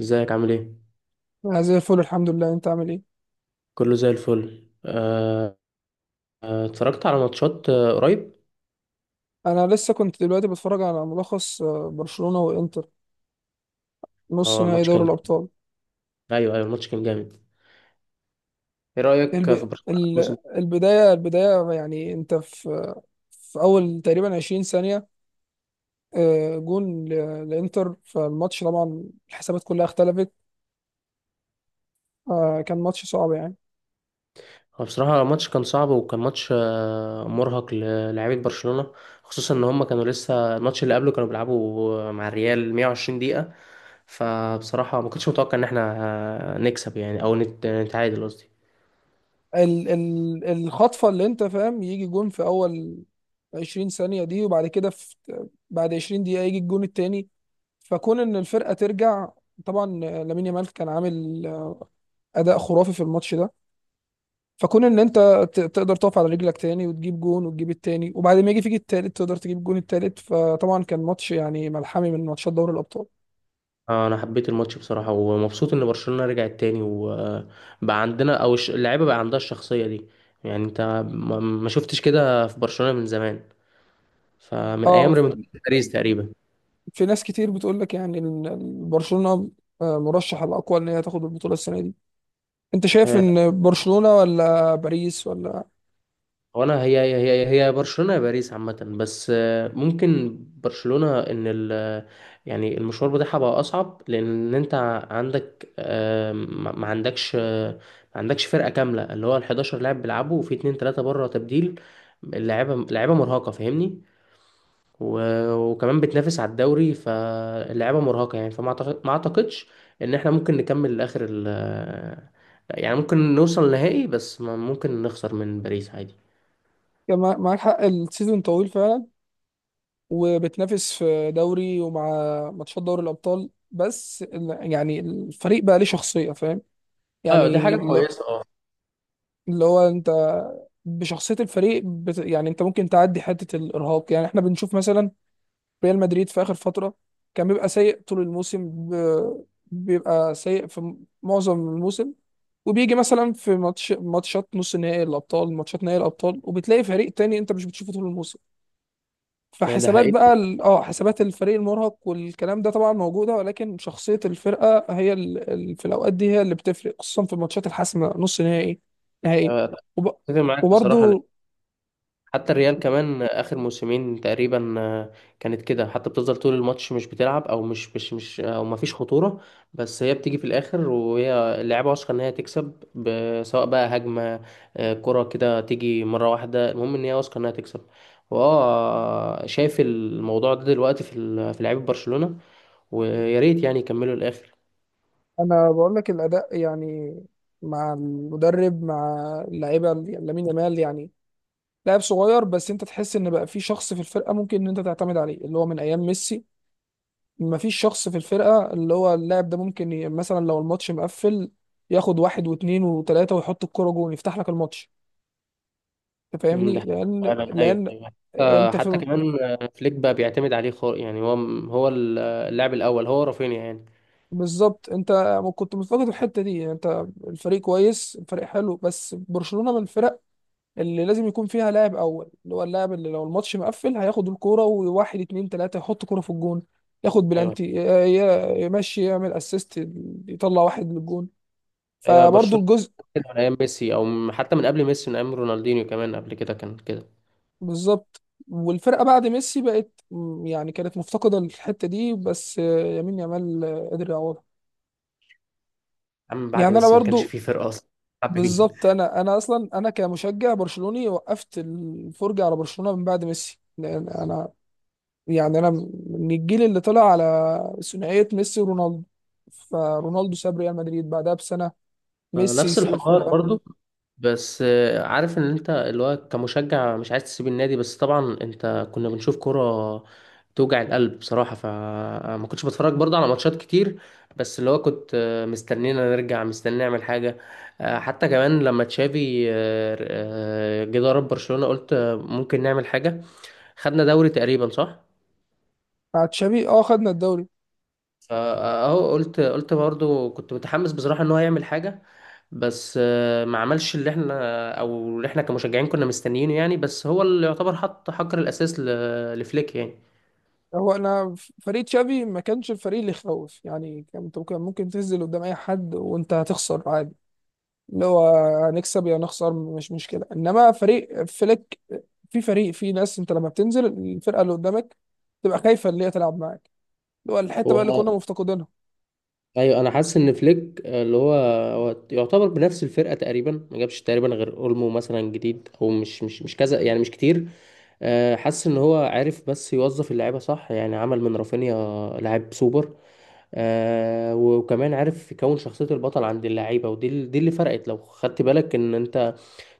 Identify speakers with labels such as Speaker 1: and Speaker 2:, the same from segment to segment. Speaker 1: ازيك عامل ايه؟
Speaker 2: انا زي الفل الحمد لله، انت عامل ايه؟
Speaker 1: كله زي الفل. اتفرجت على ماتشات قريب.
Speaker 2: انا لسه كنت دلوقتي بتفرج على ملخص برشلونة وانتر، نص
Speaker 1: اه،
Speaker 2: نهائي
Speaker 1: ماتش
Speaker 2: دوري
Speaker 1: كان
Speaker 2: الابطال.
Speaker 1: ايوه ايوه، الماتش كان جامد. ايه رأيك في
Speaker 2: الب...
Speaker 1: برشلونة
Speaker 2: ال...
Speaker 1: الموسم ده؟
Speaker 2: البداية البداية يعني انت في اول تقريبا 20 ثانية جون لانتر فالماتش، طبعا الحسابات كلها اختلفت. كان ماتش صعب يعني.
Speaker 1: هو بصراحة الماتش كان صعب، وكان ماتش مرهق للاعيبة برشلونة، خصوصا ان هم كانوا لسه الماتش اللي قبله كانوا بيلعبوا مع الريال 120 دقيقة. فبصراحة ما كنتش متوقع ان احنا نكسب، يعني او نتعادل قصدي.
Speaker 2: الخطفة اللي انت فاهم، يجي جون في اول 20 ثانية دي، وبعد كده بعد 20 دقيقة يجي الجون التاني. فكون ان الفرقه ترجع، طبعا لامين يامال كان عامل اداء خرافي في الماتش ده، فكون ان انت تقدر تقف على رجلك تاني وتجيب جون وتجيب التاني، وبعد ما يجي فيك التالت تقدر تجيب جون التالت، فطبعا كان ماتش يعني ملحمي من ماتشات دوري الابطال.
Speaker 1: انا حبيت الماتش بصراحه، ومبسوط ان برشلونه رجعت تاني وبقى عندنا، او اللعيبه بقى عندها الشخصيه دي. يعني انت ما شفتش كده في برشلونه من زمان، فمن
Speaker 2: اه
Speaker 1: ايام ريمونتادا باريس تقريبا.
Speaker 2: في ناس كتير بتقول لك يعني ان برشلونه مرشح الاقوى ان هي تاخد البطوله السنه دي. انت شايف
Speaker 1: آه،
Speaker 2: ان برشلونه ولا باريس ولا؟
Speaker 1: وانا هي هي برشلونه يا باريس عامه. بس ممكن برشلونه ان ال يعني المشوار بتاعها بقى اصعب، لان انت عندك ما عندكش ما عندكش فرقه كامله، اللي هو ال 11 لاعب بيلعبوا، وفي 2 3 بره تبديل. اللعيبه لعيبه مرهقه فاهمني، وكمان بتنافس على الدوري، فاللعيبه مرهقه يعني. ما اعتقدش ان احنا ممكن نكمل لاخر يعني ممكن نوصل لنهائي، بس ممكن نخسر من باريس عادي.
Speaker 2: كان معاك حق، السيزون طويل فعلا، وبتنافس في دوري ومع ماتشات دوري الأبطال، بس يعني الفريق بقى ليه شخصية، فاهم
Speaker 1: اه دي
Speaker 2: يعني
Speaker 1: حاجه كويسه، اه.
Speaker 2: اللي هو انت بشخصية الفريق يعني انت ممكن تعدي حتة الإرهاق. يعني احنا بنشوف مثلا ريال مدريد في آخر فترة كان بيبقى سيء طول الموسم، بيبقى سيء في معظم الموسم، وبيجي مثلا في ماتشات نص نهائي الأبطال، ماتشات نهائي الأبطال، وبتلاقي فريق تاني انت مش بتشوفه طول الموسم.
Speaker 1: يعني ده
Speaker 2: فحسابات بقى
Speaker 1: حقيقي.
Speaker 2: اه حسابات الفريق المرهق والكلام ده طبعا موجوده، ولكن شخصيه الفرقه هي في الاوقات دي هي اللي بتفرق، خصوصا في الماتشات الحاسمه، نص نهائي، نهائي.
Speaker 1: آه،
Speaker 2: وب...
Speaker 1: اتفق معاك بصراحه.
Speaker 2: وبرضو
Speaker 1: حتى الريال كمان اخر موسمين تقريبا كانت كده، حتى بتفضل طول الماتش مش بتلعب او مش او ما فيش خطوره، بس هي بتيجي في الاخر، وهي اللعيبه واثقه ان هي تكسب، سواء بقى هجمه كره كده تيجي مره واحده، المهم ان هي واثقه انها تكسب. واه شايف الموضوع ده دلوقتي في في لعيبه برشلونه، ويا ريت يعني يكملوا الاخر.
Speaker 2: انا بقول لك الاداء يعني مع المدرب مع اللعيبه، يعني لامين يامال يعني لاعب صغير، بس انت تحس ان بقى في شخص في الفرقه ممكن ان انت تعتمد عليه، اللي هو من ايام ميسي مفيش شخص في الفرقة اللي هو اللاعب ده ممكن مثلا لو الماتش مقفل، ياخد واحد واثنين وثلاثة ويحط الكرة جون، يفتح لك الماتش. انت فاهمني،
Speaker 1: ده
Speaker 2: لأن
Speaker 1: فعلا، ايوه ايوه.
Speaker 2: انت
Speaker 1: حتى
Speaker 2: في
Speaker 1: كمان فليك بقى بيعتمد عليه خالص، يعني هو هو اللاعب الاول، هو رافينيا يعني.
Speaker 2: بالظبط. انت كنت مفتقد الحتة دي، يعني انت الفريق كويس، الفريق حلو، بس برشلونة من الفرق اللي لازم يكون فيها لاعب أول، اللي هو اللاعب اللي لو الماتش مقفل هياخد الكرة وواحد اتنين تلاتة يحط كرة في الجون، ياخد
Speaker 1: ايوه
Speaker 2: بلانتي، يمشي يعمل اسيست، يطلع واحد للجون.
Speaker 1: ايوه،
Speaker 2: فبرضه
Speaker 1: برشلونه
Speaker 2: الجزء
Speaker 1: كده من ايام ميسي، او حتى من قبل ميسي، من ايام رونالدينيو كمان، قبل كده كان كده.
Speaker 2: بالظبط. والفرقه بعد ميسي بقت يعني كانت مفتقده للحته دي، بس يمين يامال قدر يعوضها.
Speaker 1: يا عم بعد
Speaker 2: يعني انا
Speaker 1: ميسي ما كانش
Speaker 2: برضو
Speaker 1: فيه فرقه اصلا بتلعب بمين.
Speaker 2: بالظبط، انا اصلا انا كمشجع برشلوني وقفت الفرجه على برشلونه من بعد ميسي، لان انا يعني من الجيل اللي طلع على ثنائيه ميسي ورونالدو. فرونالدو ساب ريال مدريد بعدها بسنه، ميسي
Speaker 1: نفس
Speaker 2: يسيب
Speaker 1: الحوار
Speaker 2: الفرقه.
Speaker 1: برضو. بس عارف ان انت اللي هو كمشجع مش عايز تسيب النادي، بس طبعا انت كنا بنشوف كرة توجع القلب بصراحة، فما كنتش بتفرج برضو على ماتشات كتير، بس اللي هو كنت مستنينا نرجع، مستني نعمل حاجة. حتى كمان لما تشافي جه ضرب برشلونة، قلت ممكن نعمل حاجة. خدنا دوري تقريبا، صح؟
Speaker 2: مع تشافي اه خدنا الدوري.
Speaker 1: فاهو قلت برضو كنت متحمس بصراحة ان هو يعمل حاجة، بس ما عملش اللي احنا، او اللي احنا كمشجعين كنا مستنيينه يعني، بس هو اللي يعتبر حط حجر الاساس لفليك يعني.
Speaker 2: هو انا فريق تشافي ما كانش الفريق اللي يخوف يعني، كان ممكن تنزل قدام اي حد وانت هتخسر عادي، اللي هو هنكسب يا نخسر مش مشكله. انما فريق فليك في فريق، في ناس انت لما بتنزل الفرقه اللي قدامك تبقى خايفه اللي هي تلعب معاك، اللي هو الحته بقى اللي كنا
Speaker 1: هو
Speaker 2: مفتقدينها.
Speaker 1: ايوه، انا حاسس ان فليك اللي هو هو يعتبر بنفس الفرقة تقريبا، ما جابش تقريبا غير اولمو مثلا جديد، او مش كذا يعني، مش كتير. حاسس ان هو عارف بس يوظف اللعيبه صح، يعني عمل من رافينيا لاعب سوبر. آه، وكمان عارف يكون شخصية البطل عند اللعيبة، ودي دي اللي فرقت. لو خدت بالك ان انت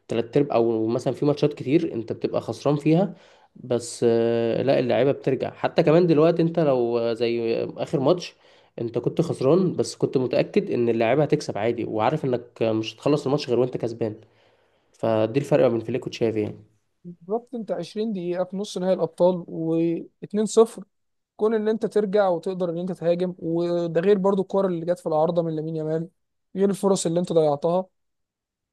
Speaker 1: تلات ارباع او مثلا في ماتشات كتير انت بتبقى خسران فيها، بس آه، لا، اللعيبة بترجع. حتى كمان دلوقتي انت لو زي اخر ماتش، انت كنت خسران بس كنت متأكد ان اللعيبة هتكسب عادي، وعارف انك مش هتخلص الماتش غير وانت كسبان. فدي الفرق بين فليك وتشافي يعني.
Speaker 2: بالظبط، انت 20 دقيقه في نص نهائي الابطال و2-0، كون ان انت ترجع وتقدر ان انت تهاجم، وده غير برضو الكور اللي جت في العارضه من لامين يامال، غير الفرص اللي انت ضيعتها.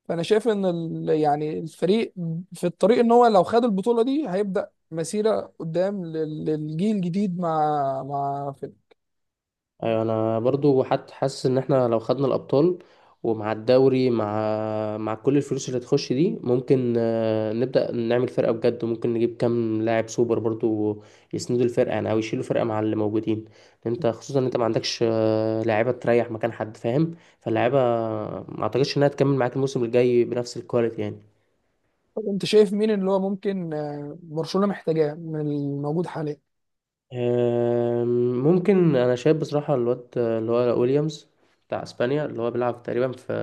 Speaker 2: فانا شايف ان يعني الفريق في الطريق ان هو لو خد البطوله دي هيبدا مسيره قدام للجيل الجديد مع فيلم.
Speaker 1: ايوه انا برضو حتى حاسس ان احنا لو خدنا الابطال ومع الدوري، مع كل الفلوس اللي تخش دي، ممكن نبدا نعمل فرقه بجد، ممكن نجيب كام لاعب سوبر برضو يسندوا الفرقه، يعني او يشيلوا فرقه مع اللي موجودين. انت خصوصا ان انت ما عندكش لاعيبه تريح مكان حد فاهم، فاللاعيبه ما اعتقدش انها تكمل معاك الموسم الجاي بنفس الكواليتي يعني.
Speaker 2: طب انت شايف مين اللي هو ممكن برشلونه محتاجاه من الموجود حاليا؟
Speaker 1: آم، ممكن، انا شايف بصراحه الواد اللي هو ويليامز بتاع اسبانيا، اللي هو بيلعب تقريبا في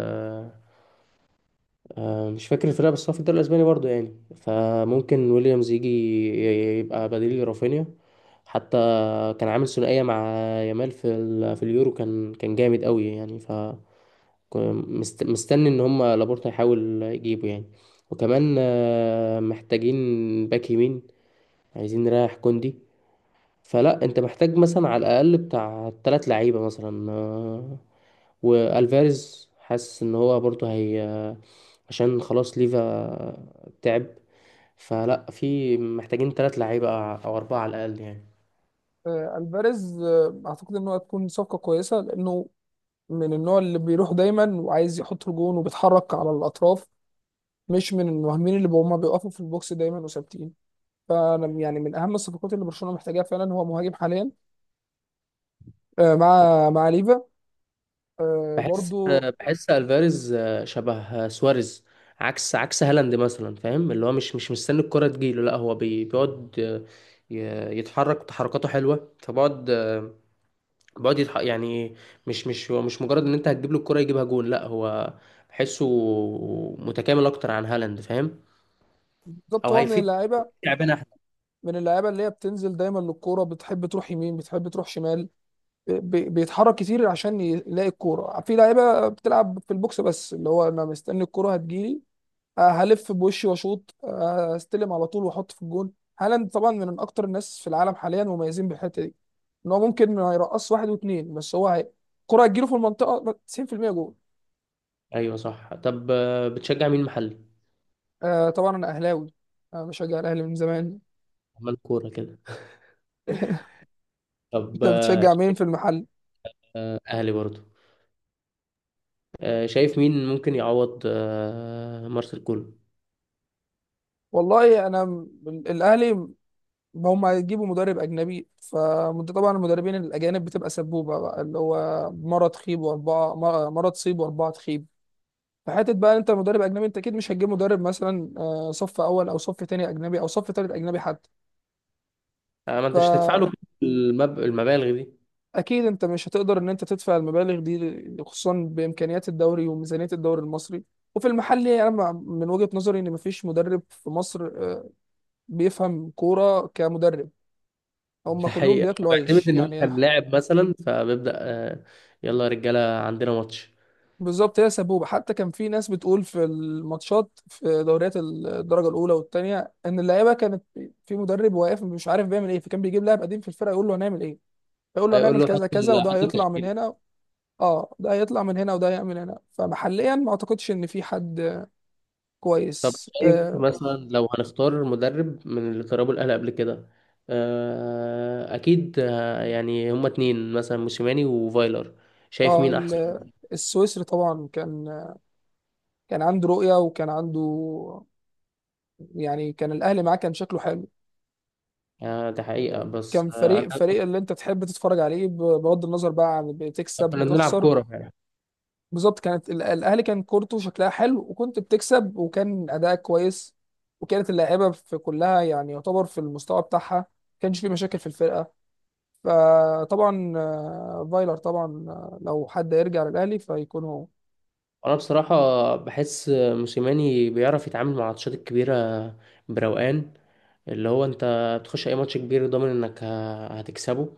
Speaker 1: مش فاكر الفرقة، بس هو في الدوري الأسباني برضو يعني، فممكن ويليامز يجي يبقى بديل لرافينيا. حتى كان عامل ثنائية مع يامال في في اليورو، كان جامد قوي يعني. مستني ان هم لابورتا يحاول يجيبه يعني. وكمان محتاجين باك يمين، عايزين نريح كوندي، فلا انت محتاج مثلا على الاقل بتاع ثلاث لعيبة مثلا. والفاريز حاسس ان هو برضو عشان خلاص ليفا تعب، فلا في محتاجين ثلاث لعيبة أو أربعة على الأقل يعني.
Speaker 2: الفاريز اعتقد ان هو هتكون صفقه كويسه، لانه من النوع اللي بيروح دايما وعايز يحط الجون وبيتحرك على الاطراف، مش من المهاجمين اللي هما بيقفوا في البوكس دايما وثابتين. فانا يعني من اهم الصفقات اللي برشلونه محتاجاها فعلا هو مهاجم حاليا مع ليفا. آه
Speaker 1: بحس
Speaker 2: برضو
Speaker 1: بحس ألفاريز شبه سواريز، عكس هالاند مثلا فاهم، اللي هو مش مستني الكرة تجيله، لا هو بيقعد يتحرك تحركاته حلوة، فبقعد يعني مش هو مش مجرد إن أنت هتجيب له الكرة يجيبها جون، لا هو بحسه متكامل أكتر عن هالاند فاهم،
Speaker 2: بالظبط،
Speaker 1: أو
Speaker 2: هو من
Speaker 1: هيفيد لعبنا احنا.
Speaker 2: من اللعيبه اللي هي بتنزل دايما للكوره، بتحب تروح يمين بتحب تروح شمال، بيتحرك كتير عشان يلاقي الكوره، في لعيبه بتلعب في البوكس بس اللي هو انا مستني الكوره هتجيلي، هلف بوشي واشوط، استلم على طول واحط في الجون. هالاند طبعا من اكتر الناس في العالم حاليا مميزين بالحته دي، ان هو ممكن ما يرقص واحد واثنين، بس هو هي الكوره هتجيله في المنطقه 90%، جول.
Speaker 1: أيوه صح. طب بتشجع مين محلي؟
Speaker 2: آه طبعا انا اهلاوي، انا بشجع الاهلي من زمان.
Speaker 1: عمال كورة كده. طب
Speaker 2: انت بتشجع مين في المحل؟
Speaker 1: أهلي برضو. شايف مين ممكن يعوض مارسيل كولر؟
Speaker 2: والله انا الاهلي هم هيجيبوا مدرب اجنبي، فانت طبعا المدربين الاجانب بتبقى سبوبه بقى، اللي هو مره تخيب واربعه، مرة تصيب واربعه تخيب. فحته بقى انت مدرب اجنبي، انت اكيد مش هتجيب مدرب مثلا صف اول او صف تاني اجنبي او صف تالت اجنبي حتى.
Speaker 1: آه، ما أنتش تدفع
Speaker 2: فاكيد
Speaker 1: له كل المبالغ دي.
Speaker 2: انت مش هتقدر ان انت تدفع المبالغ دي، خصوصا بامكانيات الدوري وميزانيه الدوري المصري. وفي المحلي انا من وجهه نظري ان مفيش مدرب في مصر بيفهم كوره كمدرب، هم
Speaker 1: ده
Speaker 2: كلهم
Speaker 1: حقيقة، هو
Speaker 2: بياكلوا
Speaker 1: بيعتمد
Speaker 2: عيش
Speaker 1: إن هو
Speaker 2: يعني.
Speaker 1: كان لاعب مثلا، فبيبدأ يلا يا رجالة عندنا ماتش.
Speaker 2: بالظبط، هي سبوبة. حتى كان في ناس بتقول في الماتشات في دوريات الدرجة الأولى والتانية إن اللعيبة كانت في مدرب واقف مش عارف بيعمل إيه، فكان بيجيب لاعب قديم في الفرقة يقول له هنعمل إيه، يقول له
Speaker 1: هيقول
Speaker 2: هنعمل
Speaker 1: له
Speaker 2: كذا كذا وده
Speaker 1: حط
Speaker 2: هيطلع من
Speaker 1: التشكيل.
Speaker 2: هنا. اه ده هيطلع من هنا وده هيعمل هنا. فمحليا ما اعتقدش ان في حد
Speaker 1: طب
Speaker 2: كويس،
Speaker 1: شايف
Speaker 2: اه.
Speaker 1: مثلا لو هنختار مدرب من اللي دربوا الأهلي قبل كده أكيد يعني هما اتنين مثلا، موسيماني وفايلر، شايف
Speaker 2: آه
Speaker 1: مين أحسن؟
Speaker 2: ال- السويسري طبعا كان عنده رؤية، وكان عنده يعني كان الاهلي معاه كان شكله حلو،
Speaker 1: ده حقيقة، بس
Speaker 2: كان
Speaker 1: أنا
Speaker 2: فريق اللي انت تحب تتفرج عليه، بغض النظر بقى عن بتكسب
Speaker 1: كنا بنلعب
Speaker 2: بتخسر.
Speaker 1: كورة فعلا.
Speaker 2: بالظبط، كانت الاهلي كان كورته شكلها حلو، وكنت بتكسب وكان اداءك كويس، وكانت اللاعيبه في كلها يعني يعتبر في المستوى بتاعها، ما كانش في مشاكل في الفرقه. فطبعا فايلر طبعا لو حد يرجع للاهلي فيكون هو.
Speaker 1: أنا بصراحة بحس موسيماني بيعرف يتعامل مع الماتشات الكبيرة بروقان، اللي هو أنت بتخش أي ماتش كبير ضامن إنك هتكسبه.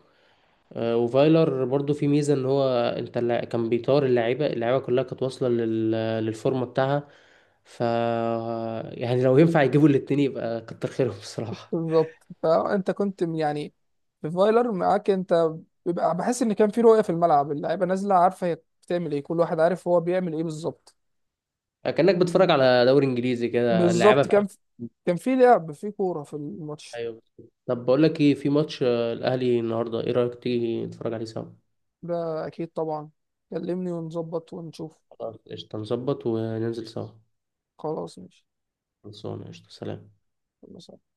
Speaker 1: وفايلر برضو في ميزة إن هو أنت كان بيطار اللعيبة، اللعيبة كلها كانت واصلة للفورمة بتاعها. ف يعني لو ينفع يجيبوا الاتنين يبقى كتر خيرهم بصراحة.
Speaker 2: بالظبط، فانت كنت يعني في فايلر معاك انت بيبقى بحس ان كان في رؤيه في الملعب، اللعيبه نازله عارفه هي بتعمل ايه، كل واحد عارف هو بيعمل ايه بالظبط.
Speaker 1: كأنك بتتفرج على دوري إنجليزي كده، اللعيبة
Speaker 2: بالظبط،
Speaker 1: في أمان.
Speaker 2: كان في لعب، في كورة في الماتش.
Speaker 1: أيوة. طب بقول لك إيه، في ماتش الأهلي النهاردة، إيه رأيك تيجي نتفرج عليه سوا؟
Speaker 2: ده أكيد طبعا، كلمني ونظبط ونشوف.
Speaker 1: خلاص قشطة، نظبط وننزل سوا.
Speaker 2: خلاص ماشي.
Speaker 1: خلصانة، قشطة، سلام.
Speaker 2: خلاص.